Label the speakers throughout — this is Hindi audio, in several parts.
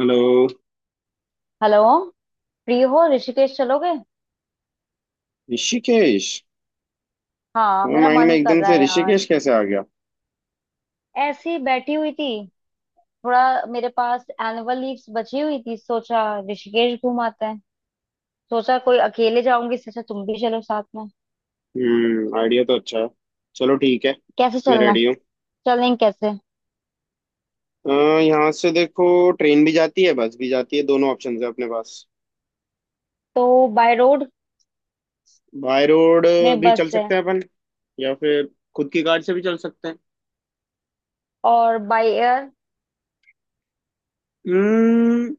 Speaker 1: हेलो।
Speaker 2: हेलो। फ्री हो, ऋषिकेश चलोगे?
Speaker 1: ऋषिकेश?
Speaker 2: हाँ,
Speaker 1: तुम्हारे
Speaker 2: मेरा
Speaker 1: माइंड में
Speaker 2: मन कर
Speaker 1: एकदम
Speaker 2: रहा
Speaker 1: से
Speaker 2: है यार।
Speaker 1: ऋषिकेश कैसे आ गया?
Speaker 2: ऐसे ही बैठी हुई थी। थोड़ा, मेरे पास एनुअल लीव्स बची हुई थी, सोचा ऋषिकेश घूम आते हैं। सोचा कोई अकेले जाऊंगी, सोचा तुम भी चलो साथ में।
Speaker 1: हम्म, आइडिया तो अच्छा है। चलो, ठीक है।
Speaker 2: कैसे
Speaker 1: मैं
Speaker 2: चलना है?
Speaker 1: रेडी हूँ।
Speaker 2: चलेंगे कैसे?
Speaker 1: अ, यहाँ से देखो। ट्रेन भी जाती है, बस भी जाती है, दोनों ऑप्शन है अपने पास।
Speaker 2: तो बाय रोड
Speaker 1: बाय रोड
Speaker 2: में
Speaker 1: भी
Speaker 2: बस
Speaker 1: चल
Speaker 2: है।
Speaker 1: सकते हैं अपन, या फिर खुद की कार से भी चल सकते हैं।
Speaker 2: और बाय एयर,
Speaker 1: हम्म,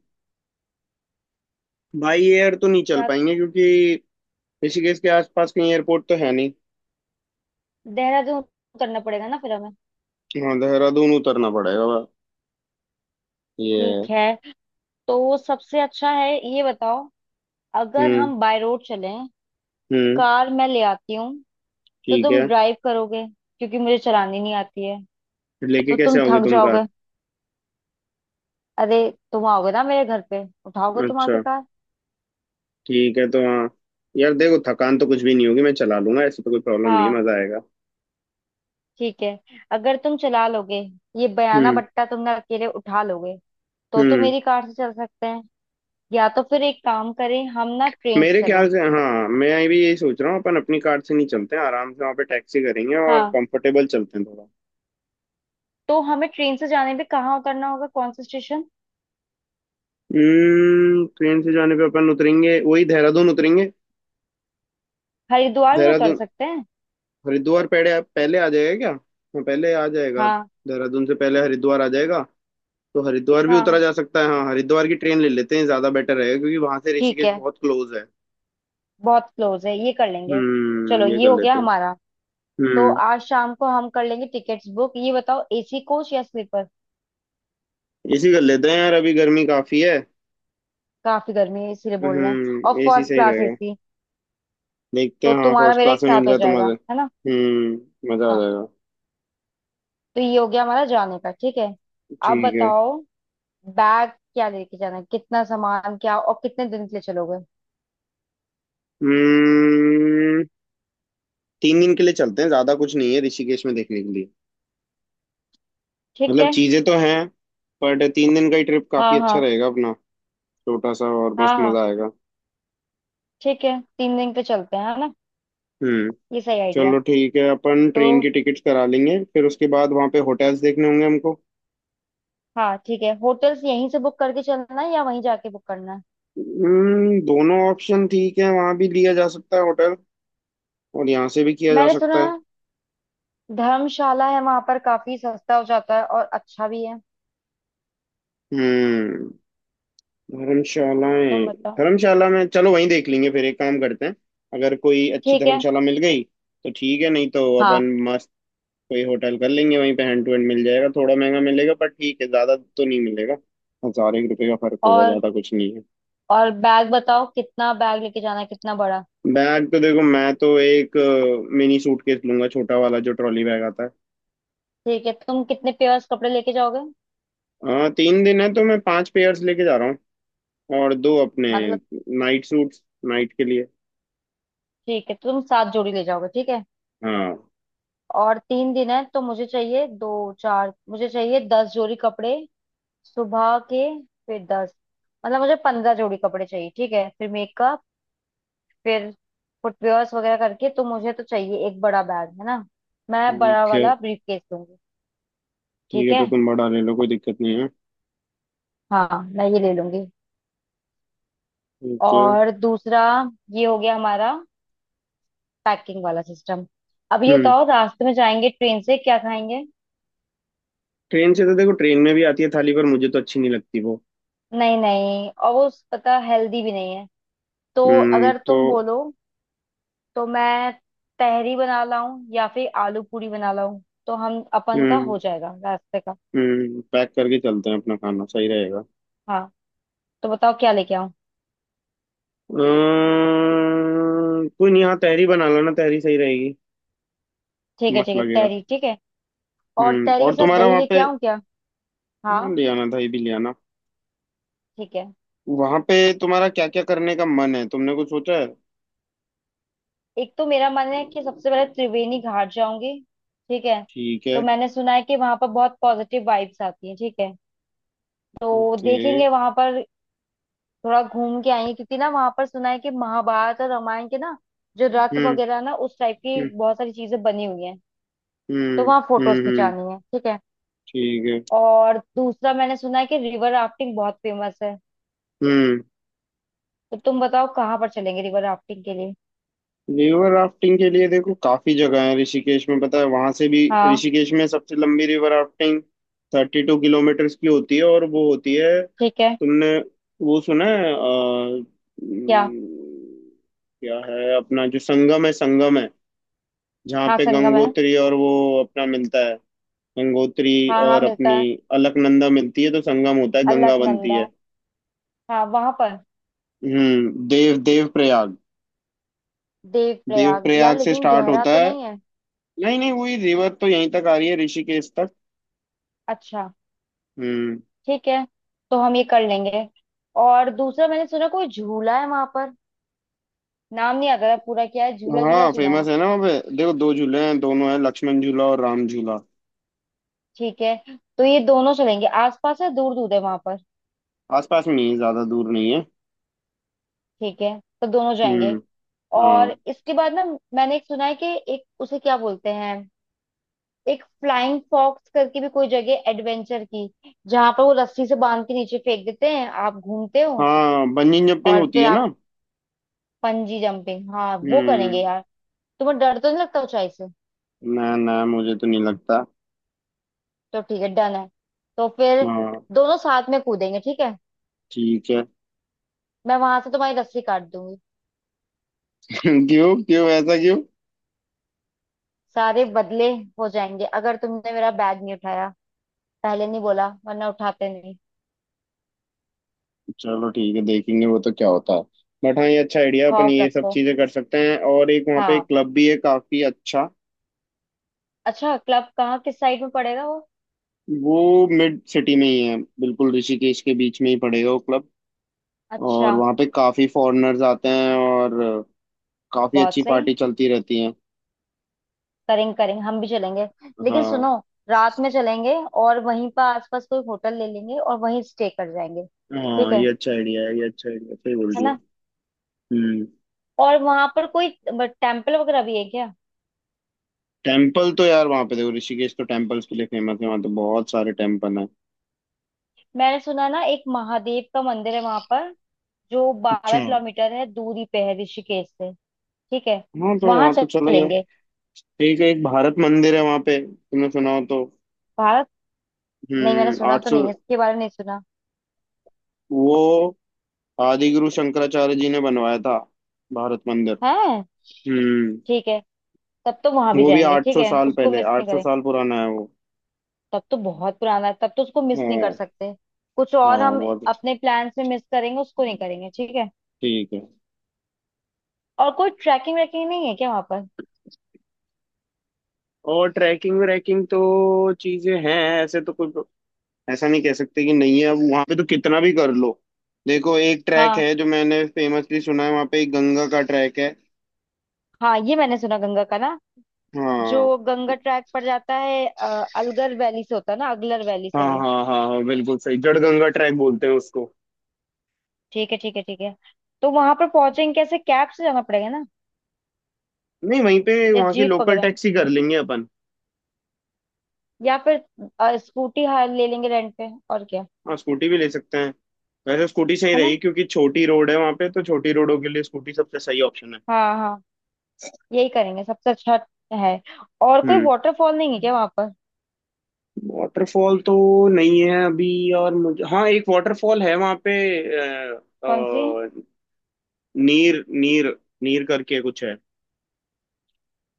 Speaker 1: बाई एयर तो नहीं चल
Speaker 2: या
Speaker 1: पाएंगे क्योंकि ऋषिकेश के आसपास कहीं एयरपोर्ट तो है नहीं।
Speaker 2: देहरादून करना पड़ेगा ना फिर हमें?
Speaker 1: हाँ, देहरादून उतरना पड़ेगा। वह, ये।
Speaker 2: ठीक है। तो सबसे अच्छा है ये बताओ, अगर
Speaker 1: हम्म।
Speaker 2: हम बाय रोड चलें,
Speaker 1: हम्म,
Speaker 2: कार मैं ले आती हूँ, तो
Speaker 1: ठीक
Speaker 2: तुम
Speaker 1: है।
Speaker 2: ड्राइव करोगे, क्योंकि मुझे चलानी नहीं आती है,
Speaker 1: लेके
Speaker 2: तो
Speaker 1: कैसे
Speaker 2: तुम
Speaker 1: आओगे
Speaker 2: थक
Speaker 1: तुम कार?
Speaker 2: जाओगे। अरे, तुम आओगे ना मेरे घर पे, उठाओगे तुम आके
Speaker 1: अच्छा,
Speaker 2: कार।
Speaker 1: ठीक है तो हाँ। यार देखो, थकान तो कुछ भी नहीं होगी, मैं चला लूंगा, ऐसी तो कोई प्रॉब्लम नहीं है,
Speaker 2: हाँ
Speaker 1: मजा आएगा।
Speaker 2: ठीक है, अगर तुम चला लोगे ये बयाना
Speaker 1: हम्म।
Speaker 2: बट्टा तुमने अकेले उठा लोगे, तो
Speaker 1: हम्म,
Speaker 2: मेरी कार से चल सकते हैं। या तो फिर एक काम करें, हम ना ट्रेन से
Speaker 1: मेरे
Speaker 2: चलें।
Speaker 1: ख्याल से हाँ, मैं भी यही सोच रहा हूँ, अपन अपनी कार से नहीं चलते हैं, आराम से वहाँ पे टैक्सी करेंगे और
Speaker 2: हाँ,
Speaker 1: कंफर्टेबल चलते हैं थोड़ा।
Speaker 2: तो हमें ट्रेन से जाने में कहाँ उतरना होगा, कौन सा स्टेशन?
Speaker 1: हम्म, ट्रेन से जाने पे अपन उतरेंगे वही, देहरादून उतरेंगे।
Speaker 2: हरिद्वार भी तो उतर
Speaker 1: देहरादून।
Speaker 2: सकते हैं।
Speaker 1: हरिद्वार पहले पहले आ जाएगा क्या? हाँ, पहले आ जाएगा।
Speaker 2: हाँ।
Speaker 1: देहरादून से पहले हरिद्वार आ जाएगा। तो हरिद्वार भी उतरा
Speaker 2: हाँ
Speaker 1: जा सकता है। हाँ, हरिद्वार की ट्रेन ले लेते हैं, ज्यादा बेटर रहेगा क्योंकि वहां से
Speaker 2: ठीक
Speaker 1: ऋषिकेश
Speaker 2: है,
Speaker 1: बहुत क्लोज है।
Speaker 2: बहुत क्लोज है, ये कर लेंगे। चलो
Speaker 1: हम्म, ये
Speaker 2: ये
Speaker 1: कर
Speaker 2: हो गया
Speaker 1: लेते हैं।
Speaker 2: हमारा। तो
Speaker 1: हम्म,
Speaker 2: आज शाम को हम कर लेंगे टिकट्स बुक। ये बताओ, एसी कोच या स्लीपर?
Speaker 1: एसी कर लेते हैं यार, अभी गर्मी काफी है।
Speaker 2: काफी गर्मी है इसीलिए बोल रहे हैं। और
Speaker 1: हम्म, एसी
Speaker 2: फर्स्ट
Speaker 1: सही
Speaker 2: क्लास
Speaker 1: रहेगा।
Speaker 2: एसी?
Speaker 1: देखते
Speaker 2: तो
Speaker 1: हैं, हाँ
Speaker 2: तुम्हारा
Speaker 1: फर्स्ट
Speaker 2: मेरा एक
Speaker 1: क्लास में मिल
Speaker 2: साथ हो
Speaker 1: जाए तो
Speaker 2: जाएगा
Speaker 1: मजे।
Speaker 2: है ना?
Speaker 1: हम्म, मजा आ
Speaker 2: हाँ।
Speaker 1: जाएगा।
Speaker 2: तो ये हो गया हमारा जाने का, ठीक है। अब
Speaker 1: ठीक है।
Speaker 2: बताओ, बैग क्या लेके जाना है, कितना सामान, क्या और कितने दिन के लिए चलोगे?
Speaker 1: हम्म, 3 दिन के लिए चलते हैं, ज्यादा कुछ नहीं है ऋषिकेश में देखने के लिए।
Speaker 2: ठीक
Speaker 1: मतलब
Speaker 2: है।
Speaker 1: चीजें तो हैं, बट 3 दिन का ही ट्रिप काफी
Speaker 2: हाँ
Speaker 1: अच्छा
Speaker 2: हाँ
Speaker 1: रहेगा अपना। छोटा सा, और मस्त
Speaker 2: हाँ हाँ,
Speaker 1: मजा आएगा।
Speaker 2: ठीक है, 3 दिन पे चलते हैं, है ना?
Speaker 1: हम्म।
Speaker 2: ये सही आइडिया है।
Speaker 1: चलो ठीक है, अपन
Speaker 2: तो
Speaker 1: ट्रेन की टिकट करा लेंगे, फिर उसके बाद वहाँ पे होटल्स देखने होंगे हमको।
Speaker 2: हाँ ठीक है, होटल्स यहीं से बुक करके चलना है या वहीं जाके बुक करना है?
Speaker 1: हम्म, दोनों ऑप्शन ठीक है, वहाँ भी लिया जा सकता है होटल और यहाँ से भी किया जा
Speaker 2: मैंने सुना
Speaker 1: सकता है।
Speaker 2: है, धर्मशाला है वहां पर, काफी सस्ता हो जाता है और अच्छा भी है।
Speaker 1: हम्म।
Speaker 2: तुम
Speaker 1: धर्मशालाएं।
Speaker 2: बताओ।
Speaker 1: धर्मशाला में चलो, वहीं देख लेंगे फिर, एक काम करते हैं, अगर कोई अच्छी
Speaker 2: ठीक है।
Speaker 1: धर्मशाला मिल गई तो ठीक है, नहीं तो
Speaker 2: हाँ।
Speaker 1: अपन मस्त कोई होटल कर लेंगे वहीं पे, हैंड टू हैंड मिल जाएगा, थोड़ा महंगा मिलेगा पर ठीक है, ज्यादा तो नहीं मिलेगा, हजार एक रुपये का फर्क होगा,
Speaker 2: और
Speaker 1: ज्यादा कुछ नहीं है।
Speaker 2: और बैग बताओ, कितना बैग लेके जाना है, कितना बड़ा?
Speaker 1: बैग तो देखो, मैं तो एक मिनी सूटकेस लूंगा, छोटा वाला जो ट्रॉली बैग आता है।
Speaker 2: ठीक है, तुम कितने पेयर्स कपड़े लेके जाओगे?
Speaker 1: हाँ, 3 दिन है तो मैं पांच पेयर्स लेके जा रहा हूँ, और दो अपने
Speaker 2: मतलब,
Speaker 1: नाइट सूट्स, नाइट के लिए।
Speaker 2: ठीक है, तुम 7 जोड़ी ले जाओगे, ठीक है।
Speaker 1: हाँ,
Speaker 2: और 3 दिन है, तो मुझे चाहिए दो चार, मुझे चाहिए 10 जोड़ी कपड़े सुबह के, फिर दस। मतलब मुझे 15 जोड़ी कपड़े चाहिए, ठीक है। फिर मेकअप, फिर फुटवेयर्स वगैरह करके, तो मुझे तो चाहिए एक बड़ा बैग, है ना? मैं बड़ा
Speaker 1: ठीक है।
Speaker 2: वाला ब्रीफकेस।
Speaker 1: ठीक
Speaker 2: ठीक
Speaker 1: है
Speaker 2: है।
Speaker 1: तो तुम बड़ा ले लो, कोई दिक्कत नहीं है।
Speaker 2: हाँ, मैं ये ले लूंगी।
Speaker 1: ठीक है।
Speaker 2: और दूसरा, ये हो गया हमारा पैकिंग वाला सिस्टम। अब ये
Speaker 1: हम्म,
Speaker 2: तो रास्ते में जाएंगे, ट्रेन से क्या खाएंगे?
Speaker 1: ट्रेन से तो देखो, ट्रेन में भी आती है थाली, पर मुझे तो अच्छी नहीं लगती वो।
Speaker 2: नहीं नहीं, और वो पता हेल्दी भी नहीं है। तो
Speaker 1: हम्म,
Speaker 2: अगर
Speaker 1: तो।
Speaker 2: तुम बोलो, तो मैं तहरी बना लाऊं या फिर आलू पूरी बना लाऊं, तो हम अपन का
Speaker 1: हम्म।
Speaker 2: हो जाएगा रास्ते का।
Speaker 1: हम्म, पैक करके चलते हैं अपना खाना, सही रहेगा।
Speaker 2: हाँ, तो बताओ क्या लेके आऊं?
Speaker 1: कोई नहीं, हाँ तहरी बना लो ना, तहरी सही रहेगी।
Speaker 2: ठीक है
Speaker 1: मस्त
Speaker 2: ठीक है,
Speaker 1: लगेगा।
Speaker 2: तहरी ठीक है। और
Speaker 1: हम्म,
Speaker 2: तहरी के
Speaker 1: और
Speaker 2: साथ
Speaker 1: तुम्हारा
Speaker 2: दही
Speaker 1: वहाँ
Speaker 2: लेके
Speaker 1: पे।
Speaker 2: आऊं क्या? हाँ
Speaker 1: हाँ, ले आना, दही भी ले आना।
Speaker 2: ठीक है।
Speaker 1: वहाँ पे तुम्हारा क्या क्या करने का मन है, तुमने कुछ सोचा है?
Speaker 2: एक तो मेरा मन है कि सबसे पहले त्रिवेणी घाट जाऊंगी, ठीक है।
Speaker 1: ठीक है।
Speaker 2: तो मैंने सुना है कि वहां पर बहुत पॉजिटिव वाइब्स आती है, ठीक है। तो
Speaker 1: ओके।
Speaker 2: देखेंगे वहां पर, थोड़ा घूम के आएंगे, क्योंकि ना वहां पर सुना है कि महाभारत और रामायण के ना जो रथ
Speaker 1: हम्म।
Speaker 2: वगैरह ना, उस टाइप की
Speaker 1: हम्म।
Speaker 2: बहुत सारी चीजें बनी हुई हैं। तो
Speaker 1: हम्म।
Speaker 2: वहां फोटोज
Speaker 1: हम्म।
Speaker 2: खिंचानी है, ठीक है।
Speaker 1: ठीक है।
Speaker 2: और दूसरा मैंने सुना है कि रिवर राफ्टिंग बहुत फेमस है।
Speaker 1: हम्म,
Speaker 2: तो तुम बताओ कहाँ पर चलेंगे रिवर राफ्टिंग के लिए?
Speaker 1: रिवर राफ्टिंग के लिए देखो काफी जगह है ऋषिकेश में, पता है वहां से भी
Speaker 2: हाँ।
Speaker 1: ऋषिकेश में सबसे लंबी रिवर राफ्टिंग 32 किलोमीटर की होती है, और वो होती है
Speaker 2: ठीक है।
Speaker 1: तुमने वो सुना है
Speaker 2: क्या?
Speaker 1: उम, क्या है अपना, जो संगम है, संगम है, जहाँ
Speaker 2: हाँ
Speaker 1: पे
Speaker 2: संगम है।
Speaker 1: गंगोत्री और वो अपना मिलता है, गंगोत्री
Speaker 2: हाँ हाँ
Speaker 1: और
Speaker 2: मिलता
Speaker 1: अपनी
Speaker 2: है।
Speaker 1: अलकनंदा मिलती है तो संगम होता है, गंगा बनती
Speaker 2: अलकनंदा,
Speaker 1: है।
Speaker 2: हाँ वहां पर।
Speaker 1: हम्म, देव देव प्रयाग।
Speaker 2: देव
Speaker 1: देव
Speaker 2: प्रयाग यार,
Speaker 1: प्रयाग से
Speaker 2: लेकिन
Speaker 1: स्टार्ट
Speaker 2: गहरा
Speaker 1: होता
Speaker 2: तो
Speaker 1: है।
Speaker 2: नहीं है?
Speaker 1: नहीं नहीं, वही रिवर तो यहीं तक आ रही है ऋषिकेश तक।
Speaker 2: अच्छा।
Speaker 1: हम्म।
Speaker 2: ठीक है। तो हम ये कर लेंगे। और दूसरा मैंने सुना कोई झूला है वहां पर, नाम नहीं आता था पूरा क्या है, झूला झूला
Speaker 1: हाँ,
Speaker 2: सुना
Speaker 1: फेमस
Speaker 2: है।
Speaker 1: है ना, वहाँ पे देखो दो झूले हैं, दोनों हैं, लक्ष्मण झूला और राम झूला।
Speaker 2: ठीक है, तो ये दोनों चलेंगे, आसपास है, दूर दूर है वहां पर?
Speaker 1: आसपास में ही है, ज्यादा दूर नहीं है।
Speaker 2: ठीक है, तो दोनों जाएंगे।
Speaker 1: हम्म। हाँ
Speaker 2: और इसके बाद ना, मैंने एक सुना है कि, एक उसे क्या बोलते हैं, एक फ्लाइंग फॉक्स करके भी कोई जगह एडवेंचर की, जहां पर वो रस्सी से बांध के नीचे फेंक देते हैं, आप घूमते हो
Speaker 1: हाँ, बंजी जंपिंग
Speaker 2: और
Speaker 1: होती
Speaker 2: फिर
Speaker 1: है ना।
Speaker 2: आप, पंजी जंपिंग, हाँ वो करेंगे
Speaker 1: हम्म।
Speaker 2: यार। तुम्हें डर तो नहीं लगता ऊंचाई से?
Speaker 1: ना ना, मुझे तो नहीं लगता।
Speaker 2: तो ठीक है, डन है। तो फिर
Speaker 1: हाँ,
Speaker 2: दोनों साथ में कूदेंगे, ठीक है।
Speaker 1: ठीक है।
Speaker 2: मैं वहां से तुम्हारी रस्सी काट दूंगी।
Speaker 1: क्यों? क्यों? ऐसा क्यों?
Speaker 2: सारे बदले हो जाएंगे अगर तुमने मेरा बैग नहीं उठाया। पहले नहीं बोला, वरना उठाते नहीं।
Speaker 1: चलो ठीक है, देखेंगे वो तो क्या होता है। बट हाँ, ये अच्छा आइडिया, अपन
Speaker 2: खौफ
Speaker 1: ये सब
Speaker 2: रखो।
Speaker 1: चीजें कर सकते हैं, और एक वहाँ पे एक
Speaker 2: हाँ।
Speaker 1: क्लब भी है काफी अच्छा।
Speaker 2: अच्छा, क्लब कहाँ, किस साइड में पड़ेगा वो?
Speaker 1: वो मिड सिटी में ही है, बिल्कुल ऋषिकेश के बीच में ही पड़ेगा वो क्लब। और
Speaker 2: अच्छा।
Speaker 1: वहाँ पे काफी फॉरेनर्स आते हैं, और काफी
Speaker 2: बहुत
Speaker 1: अच्छी
Speaker 2: सही।
Speaker 1: पार्टी चलती रहती है।
Speaker 2: करेंगे करेंगे, हम भी चलेंगे। लेकिन
Speaker 1: हाँ
Speaker 2: सुनो, रात में चलेंगे, और वहीं पर आसपास कोई होटल ले लेंगे और वहीं स्टे कर जाएंगे। ठीक
Speaker 1: हाँ, ये
Speaker 2: है
Speaker 1: अच्छा आइडिया है, ये अच्छा आइडिया, सही बोल
Speaker 2: है
Speaker 1: रही है।
Speaker 2: ना।
Speaker 1: हम्म।
Speaker 2: और वहां पर कोई टेम्पल वगैरह भी है क्या?
Speaker 1: टेम्पल तो यार वहाँ पे देखो, ऋषिकेश तो टेम्पल्स के लिए फेमस है, वहाँ तो बहुत सारे टेम्पल हैं।
Speaker 2: मैंने सुना ना एक महादेव का मंदिर है वहां पर, जो बारह
Speaker 1: अच्छा,
Speaker 2: किलोमीटर है, दूरी पे है ऋषिकेश से। ठीक है,
Speaker 1: हाँ, तो
Speaker 2: वहां
Speaker 1: वहाँ तो चला जाए।
Speaker 2: चलेंगे।
Speaker 1: ठीक है, एक भारत मंदिर है वहाँ पे, तुमने सुना हो तो।
Speaker 2: भारत? नहीं, मैंने
Speaker 1: हम्म,
Speaker 2: सुना
Speaker 1: आठ
Speaker 2: तो
Speaker 1: सौ
Speaker 2: नहीं है, इसके बारे में नहीं सुना
Speaker 1: वो आदिगुरु शंकराचार्य जी ने बनवाया था, भारत मंदिर।
Speaker 2: है।
Speaker 1: हम्म।
Speaker 2: ठीक है, तब तो वहां भी
Speaker 1: वो भी
Speaker 2: जाएंगे,
Speaker 1: आठ
Speaker 2: ठीक
Speaker 1: सौ
Speaker 2: है,
Speaker 1: साल
Speaker 2: उसको
Speaker 1: पहले,
Speaker 2: मिस
Speaker 1: आठ
Speaker 2: नहीं
Speaker 1: सौ
Speaker 2: करें।
Speaker 1: साल पुराना है वो।
Speaker 2: तब तो बहुत पुराना है, तब तो उसको मिस नहीं कर
Speaker 1: हाँ
Speaker 2: सकते। कुछ और
Speaker 1: हाँ,
Speaker 2: हम
Speaker 1: बहुत।
Speaker 2: अपने प्लान्स में मिस करेंगे, उसको नहीं करेंगे, ठीक है।
Speaker 1: ठीक है।
Speaker 2: और कोई ट्रैकिंग वैकिंग नहीं है क्या वहां पर?
Speaker 1: और ट्रैकिंग व्रैकिंग तो चीजें हैं, ऐसे तो कोई, ऐसा नहीं कह सकते कि नहीं है, अब वहां पे तो कितना भी कर लो। देखो, एक ट्रैक
Speaker 2: हाँ
Speaker 1: है जो मैंने फेमसली सुना है, वहां पे एक गंगा का ट्रैक है।
Speaker 2: हाँ, ये मैंने सुना गंगा का ना,
Speaker 1: हाँ
Speaker 2: जो गंगा ट्रैक पड़ जाता है, अलगर वैली से होता है ना, अगलर वैली
Speaker 1: हाँ
Speaker 2: सॉरी।
Speaker 1: हाँ हाँ हाँ, बिल्कुल सही, जड़ गंगा ट्रैक बोलते हैं उसको।
Speaker 2: ठीक है ठीक है ठीक है। तो वहां पर पहुंचेंगे कैसे, कैब से जाना पड़ेगा ना,
Speaker 1: नहीं, वहीं पे
Speaker 2: या
Speaker 1: वहाँ की
Speaker 2: जीप
Speaker 1: लोकल
Speaker 2: वगैरह,
Speaker 1: टैक्सी कर लेंगे अपन।
Speaker 2: या फिर स्कूटी हाँ ले लेंगे रेंट पे, और क्या,
Speaker 1: हाँ, स्कूटी भी ले सकते हैं। वैसे स्कूटी सही
Speaker 2: है ना।
Speaker 1: रही, क्योंकि छोटी रोड है वहाँ पे, तो छोटी रोडों के लिए स्कूटी सबसे सही ऑप्शन है।
Speaker 2: हाँ हाँ, यही करेंगे सबसे अच्छा है। और कोई
Speaker 1: हम्म।
Speaker 2: वाटरफॉल नहीं है क्या वहां पर?
Speaker 1: वाटरफॉल तो नहीं है अभी, और मुझे, हाँ एक वाटरफॉल है वहाँ पे, अ,
Speaker 2: कौन सी?
Speaker 1: अ, नीर नीर नीर करके कुछ है।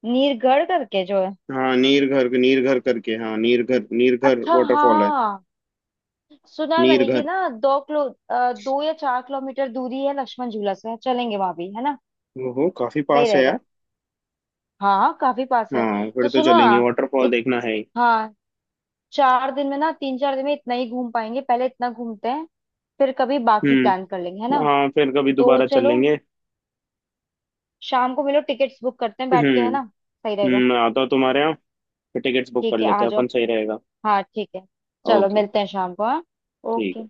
Speaker 2: नीरगढ़ करके जो है?
Speaker 1: हाँ, नीर घर, नीर घर करके, हाँ नीर घर
Speaker 2: अच्छा
Speaker 1: वाटरफॉल है।
Speaker 2: हाँ। सुना है
Speaker 1: नीर
Speaker 2: मैंने, ये
Speaker 1: घर।
Speaker 2: ना दो किलो, 2 या 4 किलोमीटर दूरी है लक्ष्मण झूला से, चलेंगे वहां भी, है ना?
Speaker 1: ओहो, काफी
Speaker 2: सही
Speaker 1: पास है
Speaker 2: रहेगा।
Speaker 1: यार।
Speaker 2: हाँ काफी पास है।
Speaker 1: हाँ, फिर
Speaker 2: तो
Speaker 1: तो
Speaker 2: सुनो
Speaker 1: चलेंगे,
Speaker 2: ना,
Speaker 1: वाटरफॉल
Speaker 2: इत,
Speaker 1: देखना है ही।
Speaker 2: हाँ, 4 दिन में ना, तीन चार दिन में इतना ही घूम पाएंगे, पहले इतना घूमते हैं, फिर कभी बाकी प्लान कर लेंगे, है
Speaker 1: हम्म।
Speaker 2: ना?
Speaker 1: हाँ, फिर कभी
Speaker 2: तो
Speaker 1: दोबारा
Speaker 2: चलो
Speaker 1: चलेंगे।
Speaker 2: शाम को मिलो, टिकट्स बुक करते हैं बैठ के,
Speaker 1: हम्म।
Speaker 2: है ना, सही रहेगा।
Speaker 1: मैं आता हूँ तुम्हारे यहाँ, फिर टिकट्स बुक कर
Speaker 2: ठीक है,
Speaker 1: लेते
Speaker 2: आ
Speaker 1: हैं
Speaker 2: जाओ।
Speaker 1: अपन, सही रहेगा।
Speaker 2: हाँ ठीक है। चलो
Speaker 1: ओके।
Speaker 2: मिलते हैं शाम को, हाँ।
Speaker 1: ठीक है।
Speaker 2: ओके।